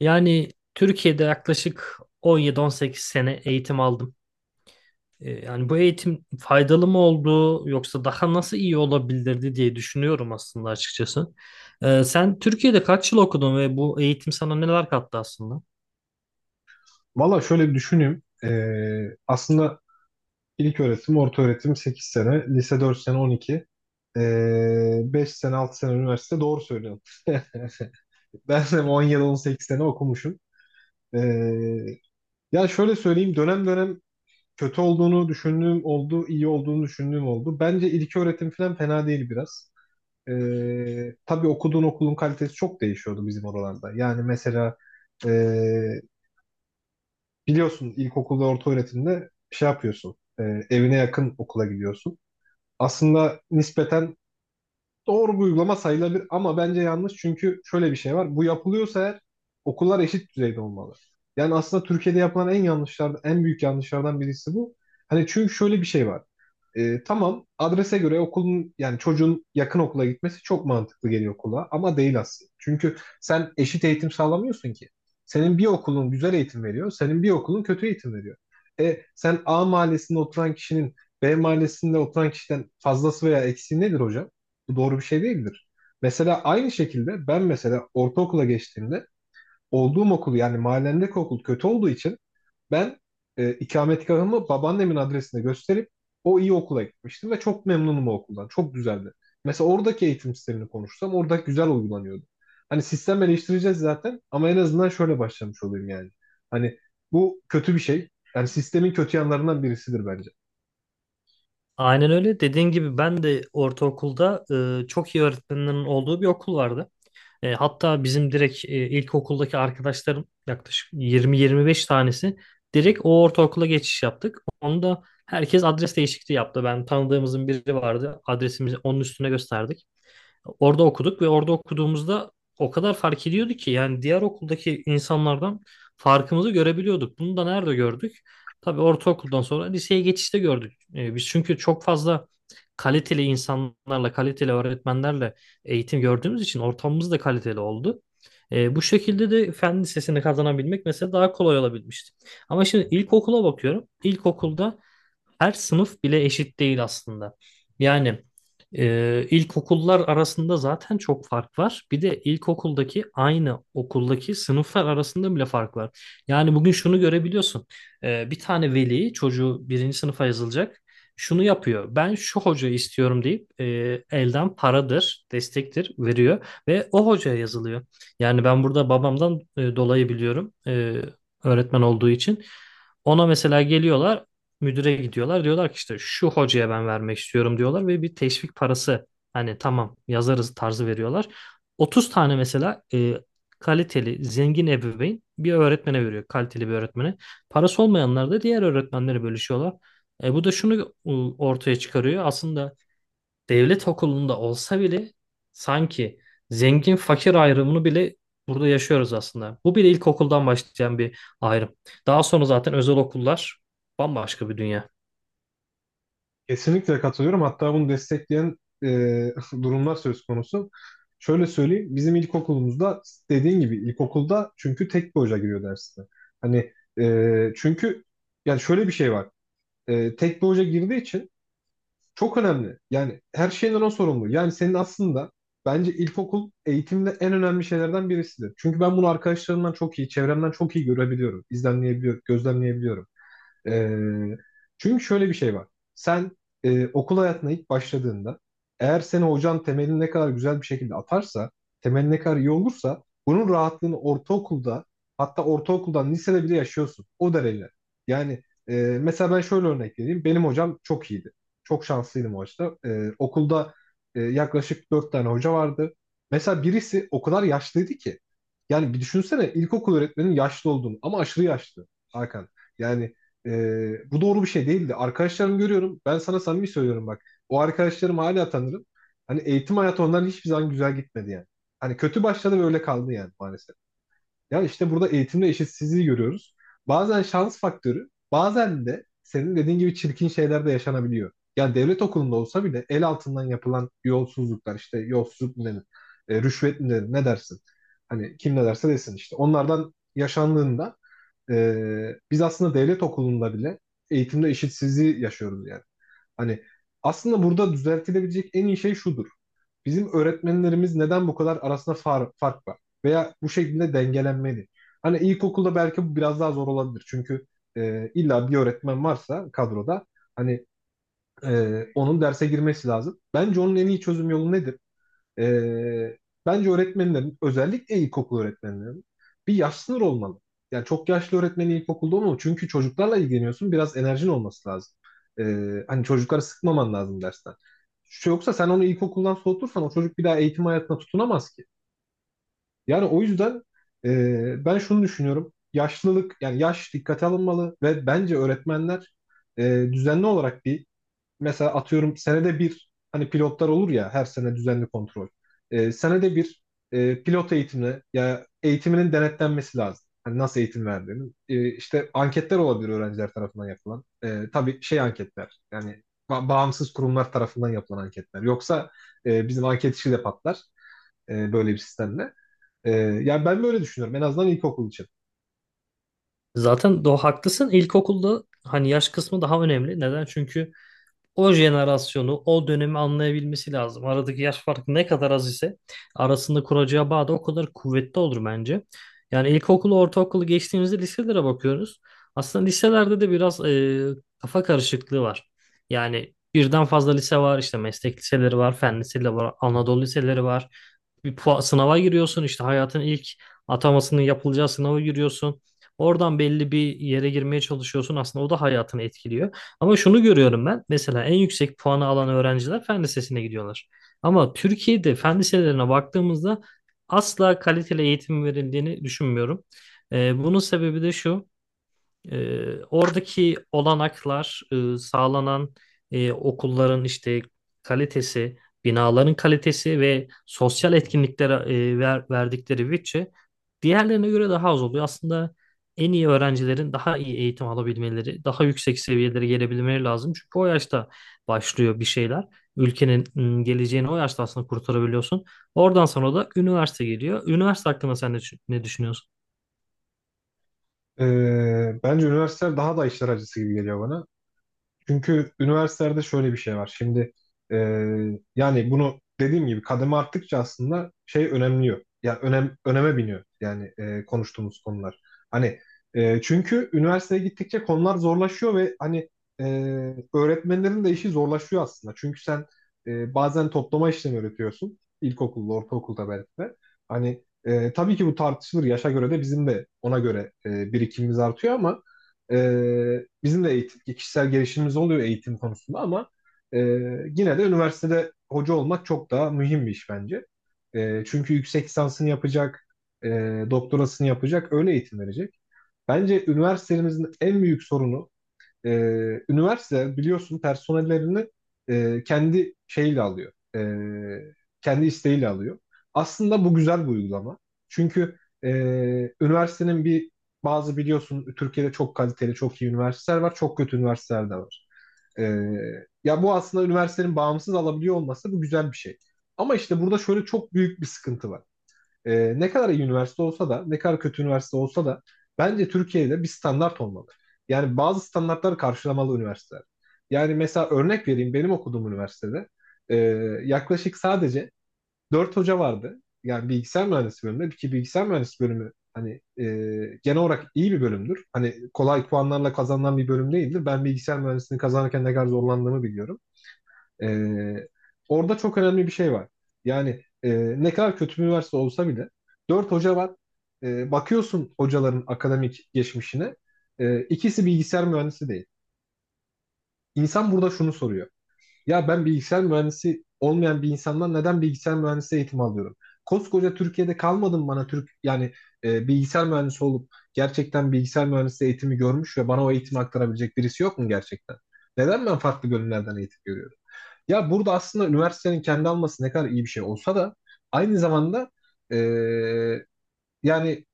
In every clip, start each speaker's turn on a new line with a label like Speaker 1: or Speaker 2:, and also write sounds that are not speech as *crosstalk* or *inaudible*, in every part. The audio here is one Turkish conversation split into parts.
Speaker 1: Yani Türkiye'de yaklaşık 17-18 sene eğitim aldım. Yani bu eğitim faydalı mı oldu yoksa daha nasıl iyi olabilirdi diye düşünüyorum aslında açıkçası. Sen Türkiye'de kaç yıl okudun ve bu eğitim sana neler kattı aslında?
Speaker 2: Valla şöyle bir düşüneyim. Aslında ilk öğretim, orta öğretim 8 sene, lise 4 sene 12, 5 sene 6 sene üniversite doğru söylüyorsun. *laughs* Ben de 10 yıl 18 sene okumuşum. Ee, ya şöyle söyleyeyim dönem dönem kötü olduğunu düşündüğüm oldu, iyi olduğunu düşündüğüm oldu. Bence ilk öğretim falan fena değil biraz. Tabii okuduğun okulun kalitesi çok değişiyordu bizim oralarda. Yani mesela ee, biliyorsun ilkokul ve orta öğretimde şey yapıyorsun. Evine yakın okula gidiyorsun. Aslında nispeten doğru bir uygulama sayılabilir ama bence yanlış, çünkü şöyle bir şey var. Bu yapılıyorsa eğer, okullar eşit düzeyde olmalı. Yani aslında Türkiye'de yapılan en yanlışlardan, en büyük yanlışlardan birisi bu. Hani, çünkü şöyle bir şey var. Tamam, adrese göre okulun, yani çocuğun yakın okula gitmesi çok mantıklı geliyor kulağa, ama değil aslında. Çünkü sen eşit eğitim sağlamıyorsun ki. Senin bir okulun güzel eğitim veriyor, senin bir okulun kötü eğitim veriyor. Sen A mahallesinde oturan kişinin B mahallesinde oturan kişiden fazlası veya eksiği nedir hocam? Bu doğru bir şey değildir. Mesela aynı şekilde ben, mesela ortaokula geçtiğimde olduğum okul, yani mahallemdeki okul kötü olduğu için ben ikametgahımı babaannemin adresine gösterip o iyi okula gitmiştim ve çok memnunum o okuldan. Çok güzeldi. Mesela oradaki eğitim sistemini konuşsam, orada güzel uygulanıyordu. Hani sistem eleştireceğiz zaten, ama en azından şöyle başlamış olayım yani. Hani bu kötü bir şey. Yani sistemin kötü yanlarından birisidir bence.
Speaker 1: Aynen öyle. Dediğin gibi ben de ortaokulda çok iyi öğretmenlerin olduğu bir okul vardı. Hatta bizim direkt ilkokuldaki arkadaşlarım yaklaşık 20-25 tanesi direkt o ortaokula geçiş yaptık. Onu da herkes adres değişikliği yaptı. Ben tanıdığımızın biri vardı. Adresimizi onun üstüne gösterdik. Orada okuduk ve orada okuduğumuzda o kadar fark ediyordu ki yani diğer okuldaki insanlardan farkımızı görebiliyorduk. Bunu da nerede gördük? Tabii ortaokuldan sonra liseye geçişte gördük. Biz çünkü çok fazla kaliteli insanlarla, kaliteli öğretmenlerle eğitim gördüğümüz için ortamımız da kaliteli oldu. Bu şekilde de fen lisesini kazanabilmek mesela daha kolay olabilmişti. Ama şimdi ilkokula bakıyorum. İlkokulda her sınıf bile eşit değil aslında. Yani ilkokullar arasında zaten çok fark var. Bir de ilkokuldaki aynı okuldaki sınıflar arasında bile fark var. Yani bugün şunu görebiliyorsun. Bir tane veli çocuğu birinci sınıfa yazılacak. Şunu yapıyor. Ben şu hocayı istiyorum deyip elden paradır, destektir veriyor ve o hocaya yazılıyor. Yani ben burada babamdan dolayı biliyorum öğretmen olduğu için. Ona mesela geliyorlar müdüre gidiyorlar. Diyorlar ki işte şu hocaya ben vermek istiyorum diyorlar ve bir teşvik parası hani tamam yazarız tarzı veriyorlar. 30 tane mesela kaliteli, zengin ebeveyn bir öğretmene veriyor. Kaliteli bir öğretmene. Parası olmayanlar da diğer öğretmenlere bölüşüyorlar. Bu da şunu ortaya çıkarıyor. Aslında devlet okulunda olsa bile sanki zengin fakir ayrımını bile burada yaşıyoruz aslında. Bu bile ilkokuldan başlayan bir ayrım. Daha sonra zaten özel okullar bambaşka bir dünya.
Speaker 2: Kesinlikle katılıyorum. Hatta bunu destekleyen e, *laughs* durumlar söz konusu. Şöyle söyleyeyim. Bizim ilkokulumuzda, dediğin gibi ilkokulda çünkü tek bir hoca giriyor dersine. Hani, çünkü yani şöyle bir şey var. Tek bir hoca girdiği için çok önemli. Yani her şeyden o sorumlu. Yani senin aslında, bence ilkokul eğitimde en önemli şeylerden birisidir. Çünkü ben bunu arkadaşlarımdan çok iyi, çevremden çok iyi görebiliyorum, gözlemleyebiliyorum. Ee, çünkü şöyle bir şey var. Sen okul hayatına ilk başladığında, eğer seni hocan temelini ne kadar güzel bir şekilde atarsa, temelin ne kadar iyi olursa bunun rahatlığını ortaokulda, hatta ortaokuldan lisede bile yaşıyorsun. O derece. Yani mesela ben şöyle örnek vereyim. Benim hocam çok iyiydi. Çok şanslıydım o açıdan. Okulda yaklaşık dört tane hoca vardı. Mesela birisi o kadar yaşlıydı ki. Yani bir düşünsene ilkokul öğretmenin yaşlı olduğunu, ama aşırı yaşlı Hakan. Yani bu doğru bir şey değildi. Arkadaşlarım, görüyorum. Ben sana samimi söylüyorum bak. O arkadaşlarımı hala tanırım. Hani eğitim hayatı onların hiçbir zaman güzel gitmedi yani. Hani kötü başladı ve öyle kaldı yani, maalesef. Yani işte burada eğitimde eşitsizliği görüyoruz. Bazen şans faktörü, bazen de senin dediğin gibi çirkin şeyler de yaşanabiliyor. Yani devlet okulunda olsa bile el altından yapılan yolsuzluklar, işte yolsuzluk mu denir, rüşvet mi denir, ne dersin? Hani kim ne derse desin işte. Onlardan yaşandığında e, biz aslında devlet okulunda bile eğitimde eşitsizliği yaşıyoruz yani. Hani aslında burada düzeltilebilecek en iyi şey şudur. Bizim öğretmenlerimiz neden bu kadar arasında fark var? Veya bu şekilde dengelenmeli. Hani ilkokulda belki bu biraz daha zor olabilir. Çünkü illa bir öğretmen varsa kadroda, hani onun derse girmesi lazım. Bence onun en iyi çözüm yolu nedir? Ee, bence öğretmenlerin, özellikle ilkokul öğretmenlerin bir yaş sınırı olmalı. Yani çok yaşlı öğretmeni ilkokulda olmalı. Çünkü çocuklarla ilgileniyorsun. Biraz enerjin olması lazım. Hani çocukları sıkmaman lazım dersten. Yoksa sen onu ilkokuldan soğutursan, o çocuk bir daha eğitim hayatına tutunamaz ki. Yani o yüzden ben şunu düşünüyorum. Yaşlılık, yani yaş dikkate alınmalı ve bence öğretmenler e, düzenli olarak bir, mesela atıyorum senede bir, hani pilotlar olur ya her sene düzenli kontrol. Senede bir pilot eğitimine, ya eğitiminin denetlenmesi lazım. Hani nasıl eğitim verdiğini. İşte anketler olabilir, öğrenciler tarafından yapılan. Tabii şey anketler, yani bağımsız kurumlar tarafından yapılan anketler. Yoksa bizim anket işi de patlar böyle bir sistemle. Yani ben böyle düşünüyorum, en azından ilkokul için.
Speaker 1: Zaten do haklısın. İlkokulda hani yaş kısmı daha önemli. Neden? Çünkü o jenerasyonu, o dönemi anlayabilmesi lazım. Aradaki yaş farkı ne kadar az ise arasında kuracağı bağ da o kadar kuvvetli olur bence. Yani ilkokulu, ortaokulu geçtiğimizde liselere bakıyoruz. Aslında liselerde de biraz kafa karışıklığı var. Yani birden fazla lise var, işte meslek liseleri var, fen liseleri var, Anadolu liseleri var. Sınava giriyorsun, işte hayatın ilk atamasının yapılacağı sınava giriyorsun. Oradan belli bir yere girmeye çalışıyorsun. Aslında o da hayatını etkiliyor. Ama şunu görüyorum ben. Mesela en yüksek puanı alan öğrenciler fen lisesine gidiyorlar. Ama Türkiye'de fen liselerine baktığımızda asla kaliteli eğitim verildiğini düşünmüyorum. Bunun sebebi de şu. Oradaki olanaklar, sağlanan okulların işte kalitesi, binaların kalitesi ve sosyal etkinliklere verdikleri bütçe diğerlerine göre daha az oluyor. Aslında en iyi öğrencilerin daha iyi eğitim alabilmeleri, daha yüksek seviyelere gelebilmeleri lazım. Çünkü o yaşta başlıyor bir şeyler. Ülkenin geleceğini o yaşta aslında kurtarabiliyorsun. Oradan sonra da üniversite geliyor. Üniversite hakkında sen ne düşünüyorsun?
Speaker 2: Bence üniversiteler daha da işler acısı gibi geliyor bana. Çünkü üniversitelerde şöyle bir şey var. Şimdi e, yani bunu, dediğim gibi, kademe arttıkça aslında şey önemliyor. Yani öneme biniyor yani konuştuğumuz konular. Hani, çünkü üniversiteye gittikçe konular zorlaşıyor ve hani e, öğretmenlerin de işi zorlaşıyor aslında. Çünkü sen bazen toplama işlemi öğretiyorsun. İlkokulda, ortaokulda belki de. Hani tabii ki bu tartışılır. Yaşa göre de bizim de ona göre birikimimiz artıyor ama bizim de eğitim, kişisel gelişimimiz oluyor eğitim konusunda, ama e, yine de üniversitede hoca olmak çok daha mühim bir iş bence. Çünkü yüksek lisansını yapacak, e, doktorasını yapacak, öyle eğitim verecek. Bence üniversitemizin en büyük sorunu, e, üniversite biliyorsun personellerini kendi şeyle alıyor. Kendi isteğiyle alıyor. Aslında bu güzel bir uygulama. Çünkü e, üniversitenin bazı, biliyorsun Türkiye'de çok kaliteli, çok iyi üniversiteler var. Çok kötü üniversiteler de var. E, ya bu aslında üniversitenin bağımsız alabiliyor olması, bu güzel bir şey. Ama işte burada şöyle çok büyük bir sıkıntı var: ne kadar iyi üniversite olsa da, ne kadar kötü üniversite olsa da, bence Türkiye'de bir standart olmalı. Yani bazı standartları karşılamalı üniversiteler. Yani mesela örnek vereyim, benim okuduğum üniversitede e, yaklaşık sadece 4 hoca vardı. Yani bilgisayar mühendisi bölümünde ki bilgisayar mühendisi bölümü, hani e, genel olarak iyi bir bölümdür. Hani kolay puanlarla kazanılan bir bölüm değildir. Ben bilgisayar mühendisliğini kazanırken ne kadar zorlandığımı biliyorum. Ee, orada çok önemli bir şey var. Yani ne kadar kötü bir üniversite olsa bile dört hoca var. Bakıyorsun hocaların akademik geçmişine. İkisi bilgisayar mühendisi değil. İnsan burada şunu soruyor. Ya ben bilgisayar mühendisi olmayan bir insandan neden bilgisayar mühendisi eğitimi alıyorum? Koskoca Türkiye'de kalmadım bana Türk yani, bilgisayar mühendisi olup gerçekten bilgisayar mühendisi eğitimi görmüş ve bana o eğitimi aktarabilecek birisi yok mu gerçekten? Neden ben farklı bölümlerden eğitim görüyorum? Ya burada aslında üniversitenin kendi alması ne kadar iyi bir şey olsa da, aynı zamanda eee, yani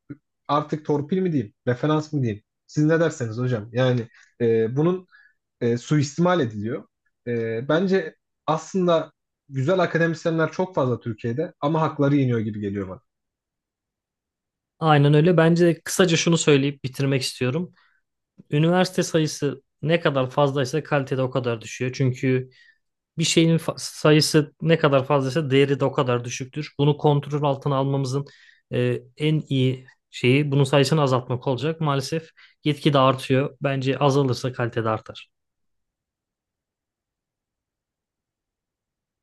Speaker 2: artık torpil mi diyeyim, referans mı diyeyim, siz ne derseniz hocam. Yani bunun suistimal ediliyor. Bence aslında güzel akademisyenler çok fazla Türkiye'de, ama hakları yeniyor gibi geliyor bana.
Speaker 1: Aynen öyle. Bence de kısaca şunu söyleyip bitirmek istiyorum. Üniversite sayısı ne kadar fazlaysa kalitede o kadar düşüyor. Çünkü sayısı ne kadar fazlaysa değeri de o kadar düşüktür. Bunu kontrol altına almamızın en iyi şeyi bunun sayısını azaltmak olacak. Maalesef gitgide artıyor. Bence azalırsa kalitede artar.